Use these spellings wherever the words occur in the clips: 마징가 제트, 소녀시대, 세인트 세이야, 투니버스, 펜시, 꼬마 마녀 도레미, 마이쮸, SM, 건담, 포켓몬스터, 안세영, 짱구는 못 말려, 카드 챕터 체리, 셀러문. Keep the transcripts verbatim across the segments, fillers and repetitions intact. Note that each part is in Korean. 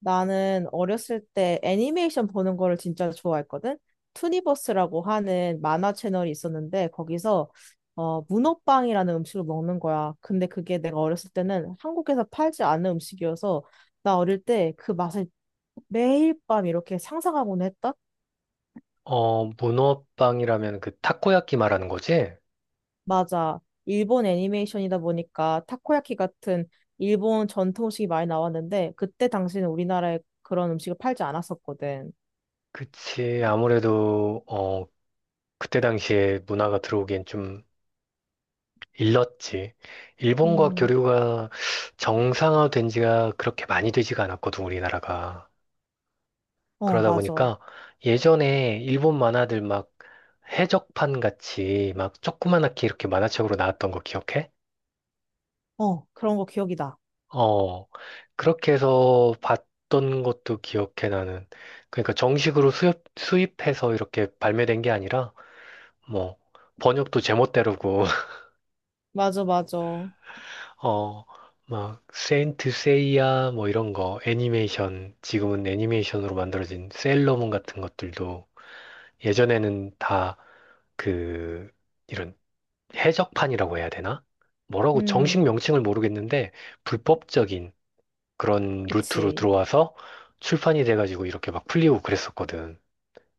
나는 어렸을 때 애니메이션 보는 거를 진짜 좋아했거든. 투니버스라고 하는 만화 채널이 있었는데 거기서 어, 문어빵이라는 음식을 먹는 거야. 근데 그게 내가 어렸을 때는 한국에서 팔지 않은 음식이어서 나 어릴 때 그 맛을 매일 밤 이렇게 상상하곤 했다? 어, 문어빵이라면 그 타코야키 말하는 거지? 맞아. 일본 애니메이션이다 보니까 타코야키 같은 일본 전통 음식이 많이 나왔는데 그때 당시는 우리나라에 그런 음식을 팔지 않았었거든. 그치. 아무래도, 어, 그때 당시에 문화가 들어오기엔 좀 일렀지. 일본과 음, 교류가 정상화된 지가 그렇게 많이 되지가 않았거든, 우리나라가. 어, 그러다 맞아. 보니까 예전에 일본 만화들 막 해적판 같이 막 조그만하게 이렇게 만화책으로 나왔던 거 기억해? 어, 그런 거 기억이다. 어, 그렇게 해서 봤던 것도 기억해, 나는. 그러니까 정식으로 수입, 수입해서 이렇게 발매된 게 아니라, 뭐, 번역도 제멋대로고, 맞아, 맞아. 어, 막, 세인트 세이야, 뭐 이런 거, 애니메이션, 지금은 애니메이션으로 만들어진 셀러문 같은 것들도 예전에는 다 그, 이런 해적판이라고 해야 되나? 뭐라고 정식 음, 명칭을 모르겠는데, 불법적인, 그런 루트로 그치. 들어와서 출판이 돼가지고 이렇게 막 풀리고 그랬었거든.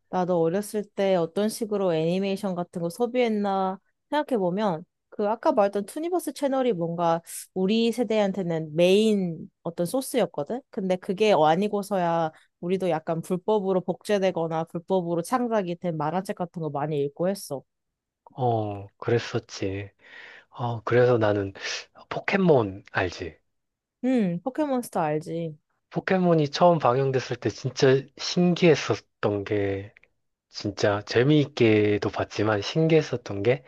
나도 어렸을 때 어떤 식으로 애니메이션 같은 거 소비했나 생각해보면, 그 아까 말했던 투니버스 채널이 뭔가 우리 세대한테는 메인 어떤 소스였거든? 근데 그게 아니고서야 우리도 약간 불법으로 복제되거나 불법으로 창작이 된 만화책 같은 거 많이 읽고 했어. 어, 그랬었지. 어, 그래서 나는 포켓몬 알지? 음, 포켓몬스터 알지. 포켓몬이 처음 방영됐을 때 진짜 신기했었던 게 진짜 재미있게도 봤지만 신기했었던 게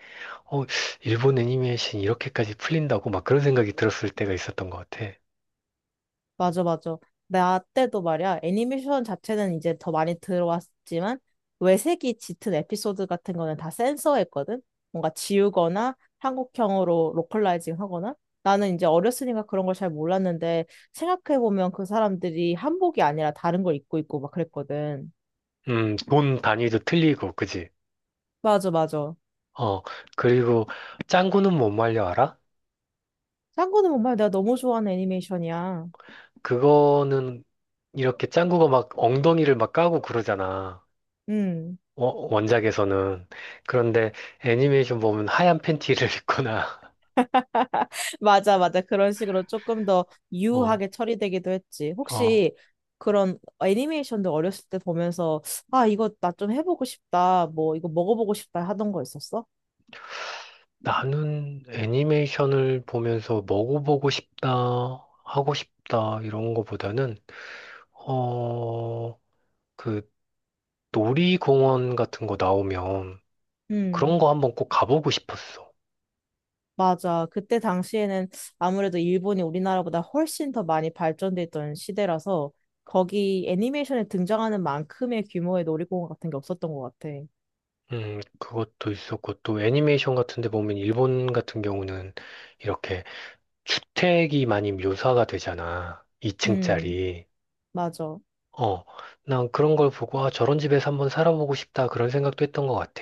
어, 일본 애니메이션이 이렇게까지 풀린다고 막 그런 생각이 들었을 때가 있었던 것 같아. 맞아, 맞아. 나 때도 말이야, 애니메이션 자체는 이제 더 많이 들어왔지만, 외색이 짙은 에피소드 같은 거는 다 센서했거든? 뭔가 지우거나 한국형으로 로컬라이징 하거나? 나는 이제 어렸으니까 그런 걸 잘 몰랐는데, 생각해보면 그 사람들이 한복이 아니라 다른 걸 입고 있고 막 그랬거든. 음, 돈 단위도 틀리고, 그지? 맞아, 맞아. 어, 그리고 짱구는 못 말려 알아? 짱구는 정말 내가 너무 좋아하는 애니메이션이야. 그거는 이렇게 짱구가 막 엉덩이를 막 까고 그러잖아. 음. 어, 원작에서는. 그런데 애니메이션 보면 하얀 팬티를 입거나, 맞아, 맞아. 그런 식으로 조금 더 어, 유하게 처리되기도 했지. 어, 혹시 그런 애니메이션도 어렸을 때 보면서, 아, 이거 나 좀 해보고 싶다. 뭐, 이거 먹어보고 싶다 하던 거 있었어? 나는 애니메이션을 보면서 먹어보고 싶다, 하고 싶다, 이런 거보다는, 어, 그 놀이공원 같은 거 나오면 그런 음. 거 한번 꼭 가보고 싶었어. 맞아. 그때 당시에는 아무래도 일본이 우리나라보다 훨씬 더 많이 발전돼 있던 시대라서 거기 애니메이션에 등장하는 만큼의 규모의 놀이공원 같은 게 없었던 것 같아. 음, 그것도 있었고, 또 애니메이션 같은 데 보면 일본 같은 경우는 이렇게 주택이 많이 묘사가 되잖아. 음, 이 층짜리. 맞아. 어, 난 그런 걸 보고, 아, 저런 집에서 한번 살아보고 싶다. 그런 생각도 했던 것 같아.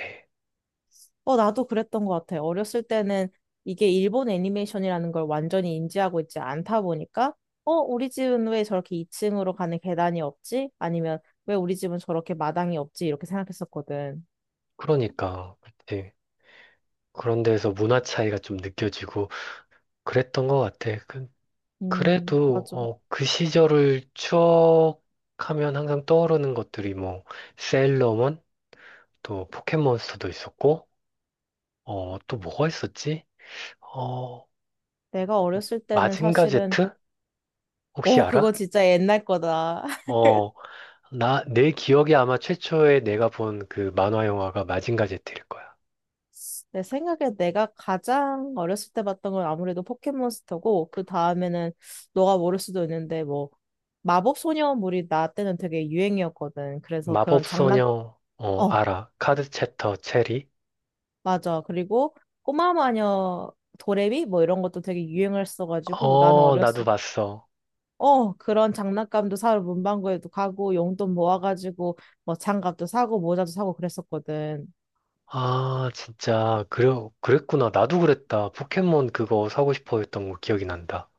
어, 나도 그랬던 것 같아. 어렸을 때는 이게 일본 애니메이션이라는 걸 완전히 인지하고 있지 않다 보니까, 어, 우리 집은 왜 저렇게 이 층으로 가는 계단이 없지? 아니면 왜 우리 집은 저렇게 마당이 없지? 이렇게 생각했었거든. 그러니까, 그치. 그런 데서 문화 차이가 좀 느껴지고 그랬던 것 같아. 그, 음, 그래도, 맞아. 어, 그 시절을 추억하면 항상 떠오르는 것들이 뭐, 세일러문, 또 포켓몬스터도 있었고, 어, 또 뭐가 있었지? 어, 내가 어렸을 때는 마징가 사실은 제트? 혹시 오, 그거 알아? 진짜 옛날 거다. 어, 나, 내 기억에 아마 최초에 내가 본 그 만화 영화가 마징가 제트일 거야. 내 생각에 내가 가장 어렸을 때 봤던 건 아무래도 포켓몬스터고, 그 다음에는 너가 모를 수도 있는데, 뭐, 마법 소녀물이 나 때는 되게 유행이었거든. 그래서 그런 장난, 마법소녀, 어, 어, 알아. 카드 챕터 체리. 맞아. 그리고 꼬마 마녀 도레미? 뭐 이런 것도 되게 유행을 써가지고, 나는 어, 나도 어렸을 봤어. 어, 그런 장난감도 사러 문방구에도 가고, 용돈 모아가지고, 뭐 장갑도 사고, 모자도 사고 그랬었거든. 아, 진짜, 그래, 그랬구나. 나도 그랬다. 포켓몬 그거 사고 싶어 했던 거 기억이 난다.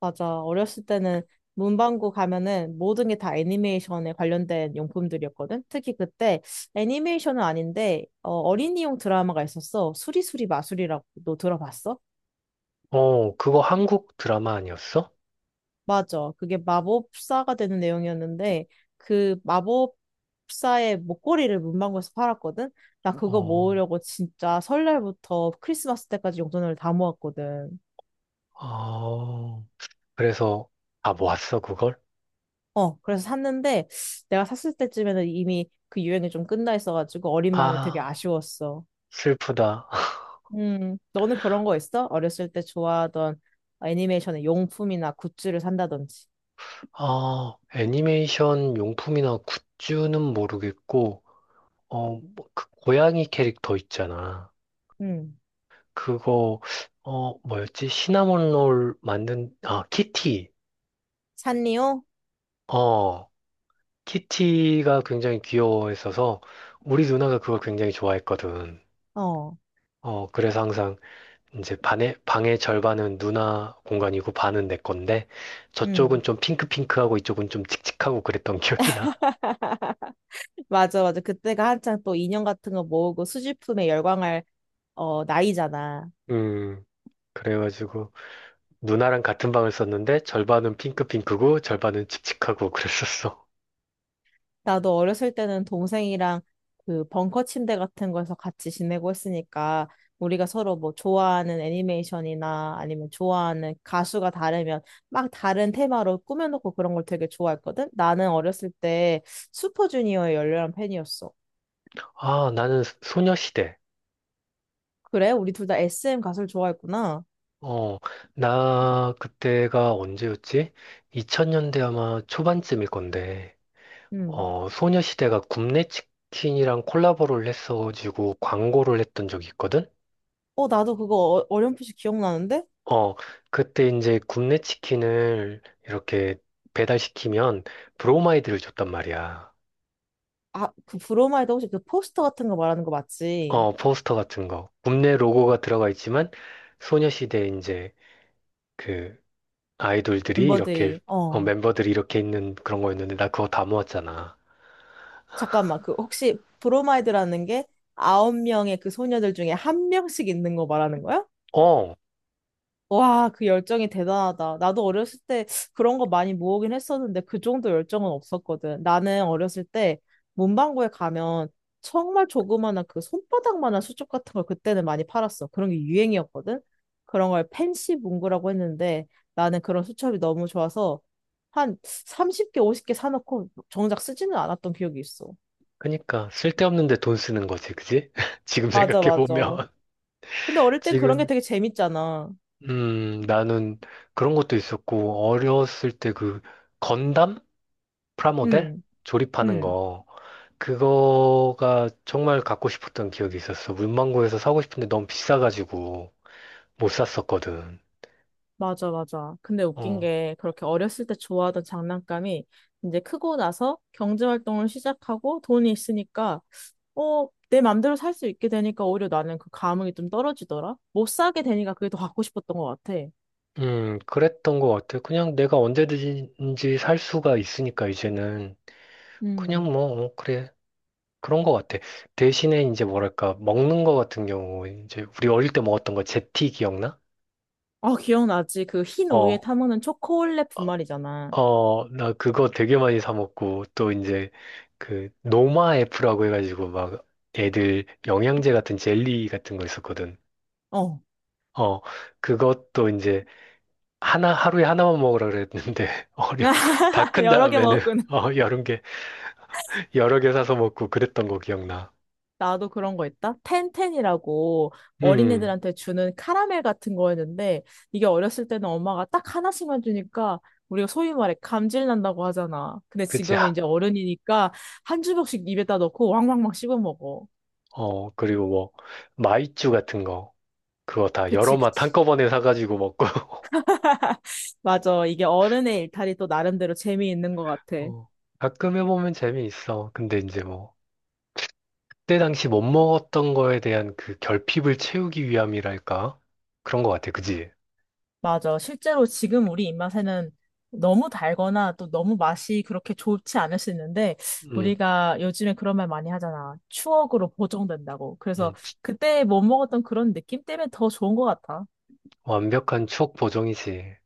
맞아. 어렸을 때는 문방구 가면은 모든 게 다 애니메이션에 관련된 용품들이었거든. 특히 그때 애니메이션은 아닌데 어, 어린이용 드라마가 있었어. 수리수리 마술이라고 너 들어봤어? 어, 그거 한국 드라마 아니었어? 맞아. 그게 마법사가 되는 내용이었는데 그 마법사의 목걸이를 문방구에서 팔았거든. 나 그거 어, 모으려고 진짜 설날부터 크리스마스 때까지 용돈을 다 모았거든. 어, 그래서 다 모았어, 그걸? 어, 그래서 샀는데 내가 샀을 때쯤에는 이미 그 유행이 좀 끝나 있어가지고 어린 마음에 되게 아, 아쉬웠어. 슬프다. 음, 너는 그런 거 있어? 어렸을 때 좋아하던 애니메이션의 용품이나 굿즈를 산다든지. 아, 애니메이션 용품이나 굿즈는 모르겠고, 어, 뭐, 그 고양이 캐릭터 있잖아. 음, 그거, 어, 뭐였지? 시나몬 롤 만든, 아, 키티. 샀니요? 어, 키티가 굉장히 귀여워했어서 우리 누나가 그걸 굉장히 좋아했거든. 어, 어, 그래서 항상 이제 반의, 방의 절반은 누나 공간이고 반은 내 건데 저쪽은 음. 좀 핑크핑크하고 이쪽은 좀 칙칙하고 그랬던 기억이 나. 맞아, 맞아. 그때가 한창 또 인형 같은 거 모으고 수집품에 열광할 어, 나이잖아. 음, 그래가지고 누나랑 같은 방을 썼는데 절반은 핑크핑크고 절반은 칙칙하고 그랬었어. 나도 어렸을 때는 동생이랑 그 벙커 침대 같은 거에서 같이 지내고 했으니까 우리가 서로 뭐 좋아하는 애니메이션이나 아니면 좋아하는 가수가 다르면 막 다른 테마로 꾸며놓고 그런 걸 되게 좋아했거든? 나는 어렸을 때 슈퍼주니어의 열렬한 팬이었어. 아, 나는 소- 소녀시대. 그래? 우리 둘 다 에스엠 가수를 좋아했구나. 어, 나 그때가 언제였지? 이천 년대 아마 초반쯤일 건데, 음. 어, 소녀시대가 굽네 치킨이랑 콜라보를 했어가지고 광고를 했던 적이 있거든? 어, 나도 그거 어- 어렴풋이 기억나는데? 어, 그때 이제 굽네 치킨을 이렇게 배달시키면 브로마이드를 줬단 말이야. 아, 그 브로마이드 혹시 그 포스터 같은 거 말하는 거 맞지? 어, 포스터 같은 거. 굽네 로고가 들어가 있지만, 소녀시대 이제 그 아이돌들이 이렇게 멤버들이. 어, 어. 멤버들이 이렇게 있는 그런 거였는데 나 그거 다 모았잖아. 잠깐만, 그 혹시 브로마이드라는 게 아홉 명의 그 소녀들 중에 한 명씩 있는 거 말하는 거야? 어, 와, 그 열정이 대단하다. 나도 어렸을 때 그런 거 많이 모으긴 했었는데 그 정도 열정은 없었거든. 나는 어렸을 때 문방구에 가면 정말 조그마한 그 손바닥만한 수첩 같은 걸 그때는 많이 팔았어. 그런 게 유행이었거든. 그런 걸 펜시 문구라고 했는데 나는 그런 수첩이 너무 좋아서 한 삼십 개, 오십 개 사놓고 정작 쓰지는 않았던 기억이 있어. 그니까 쓸데없는데 돈 쓰는 거지, 그지? 지금 맞아, 생각해 맞아. 보면 근데 어릴 땐 그런 게 지금 되게 재밌잖아. 음 나는 그런 것도 있었고 어렸을 때 그 건담 프라모델 응, 조립하는 응, 거 그거가 정말 갖고 싶었던 기억이 있었어. 문방구에서 사고 싶은데 너무 비싸가지고 못 샀었거든. 맞아, 맞아. 근데 웃긴 어, 게 그렇게 어렸을 때 좋아하던 장난감이 이제 크고 나서 경제 활동을 시작하고 돈이 있으니까 어, 내 맘대로 살 수 있게 되니까 오히려 나는 그 감흥이 좀 떨어지더라. 못 사게 되니까 그게 더 갖고 싶었던 것 같아. 음, 그랬던 것 같아. 그냥 내가 언제든지 살 수가 있으니까 이제는 그냥 음. 뭐, 어, 그래. 그런 것 같아. 대신에 이제 뭐랄까, 먹는 거 같은 경우, 이제 우리 어릴 때 먹었던 거 제티 기억나? 아, 기억나지? 그 흰 우유에 어, 타먹는 초콜릿 어, 분말이잖아. 어, 나 그거 되게 많이 사 먹고 또 이제 그 노마 F라고 해가지고 막 애들 영양제 같은 젤리 같은 거 있었거든. 어. 어, 그것도 이제 하나, 하루에 하나만 먹으라 그랬는데, 어려, 다 큰 여러 개 다음에는, 먹었구나. 어, 여름 여러 개 사서 먹고 그랬던 거 기억나. 나도 그런 거 있다. 텐텐이라고 음, 어린애들한테 주는 카라멜 같은 거였는데 이게 어렸을 때는 엄마가 딱 하나씩만 주니까 우리가 소위 말해 감질 난다고 하잖아. 근데 그치. 지금 하- 이제 어른이니까 한 주먹씩 입에다 넣고 왕왕왕 씹어 먹어. 어, 그리고 뭐, 마이쮸 같은 거. 그거 다 여러 그치, 맛 그치. 한꺼번에 사가지고 먹고. 맞아. 이게 어른의 일탈이 또 나름대로 재미있는 것 같아. 어, 가끔 해보면 재미있어. 근데 이제 뭐, 그때 당시 못 먹었던 거에 대한 그 결핍을 채우기 위함이랄까? 그런 거 같아. 그지? 맞아. 실제로 지금 우리 입맛에는 너무 달거나 또 너무 맛이 그렇게 좋지 않을 수 있는데 음, 우리가 요즘에 그런 말 많이 하잖아. 추억으로 보정된다고. 그래서 음. 그때 못 먹었던 그런 느낌 때문에 더 좋은 것 같아. 완벽한 추억 보정이지.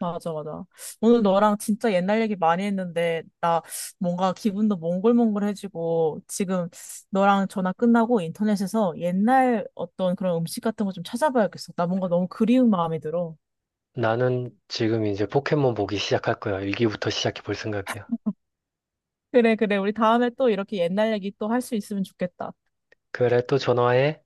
맞아, 맞아. 오늘 너랑 진짜 옛날 얘기 많이 했는데 나 뭔가 기분도 몽글몽글해지고 지금 너랑 전화 끝나고 인터넷에서 옛날 어떤 그런 음식 같은 거 좀 찾아봐야겠어. 나 뭔가 너무 그리운 마음이 들어. 나는 지금 이제 포켓몬 보기 시작할 거야. 일기부터 시작해 볼 생각이야. 그래, 그래. 우리 다음에 또 이렇게 옛날 얘기 또 할 수 있으면 좋겠다. 그래, 또 전화해.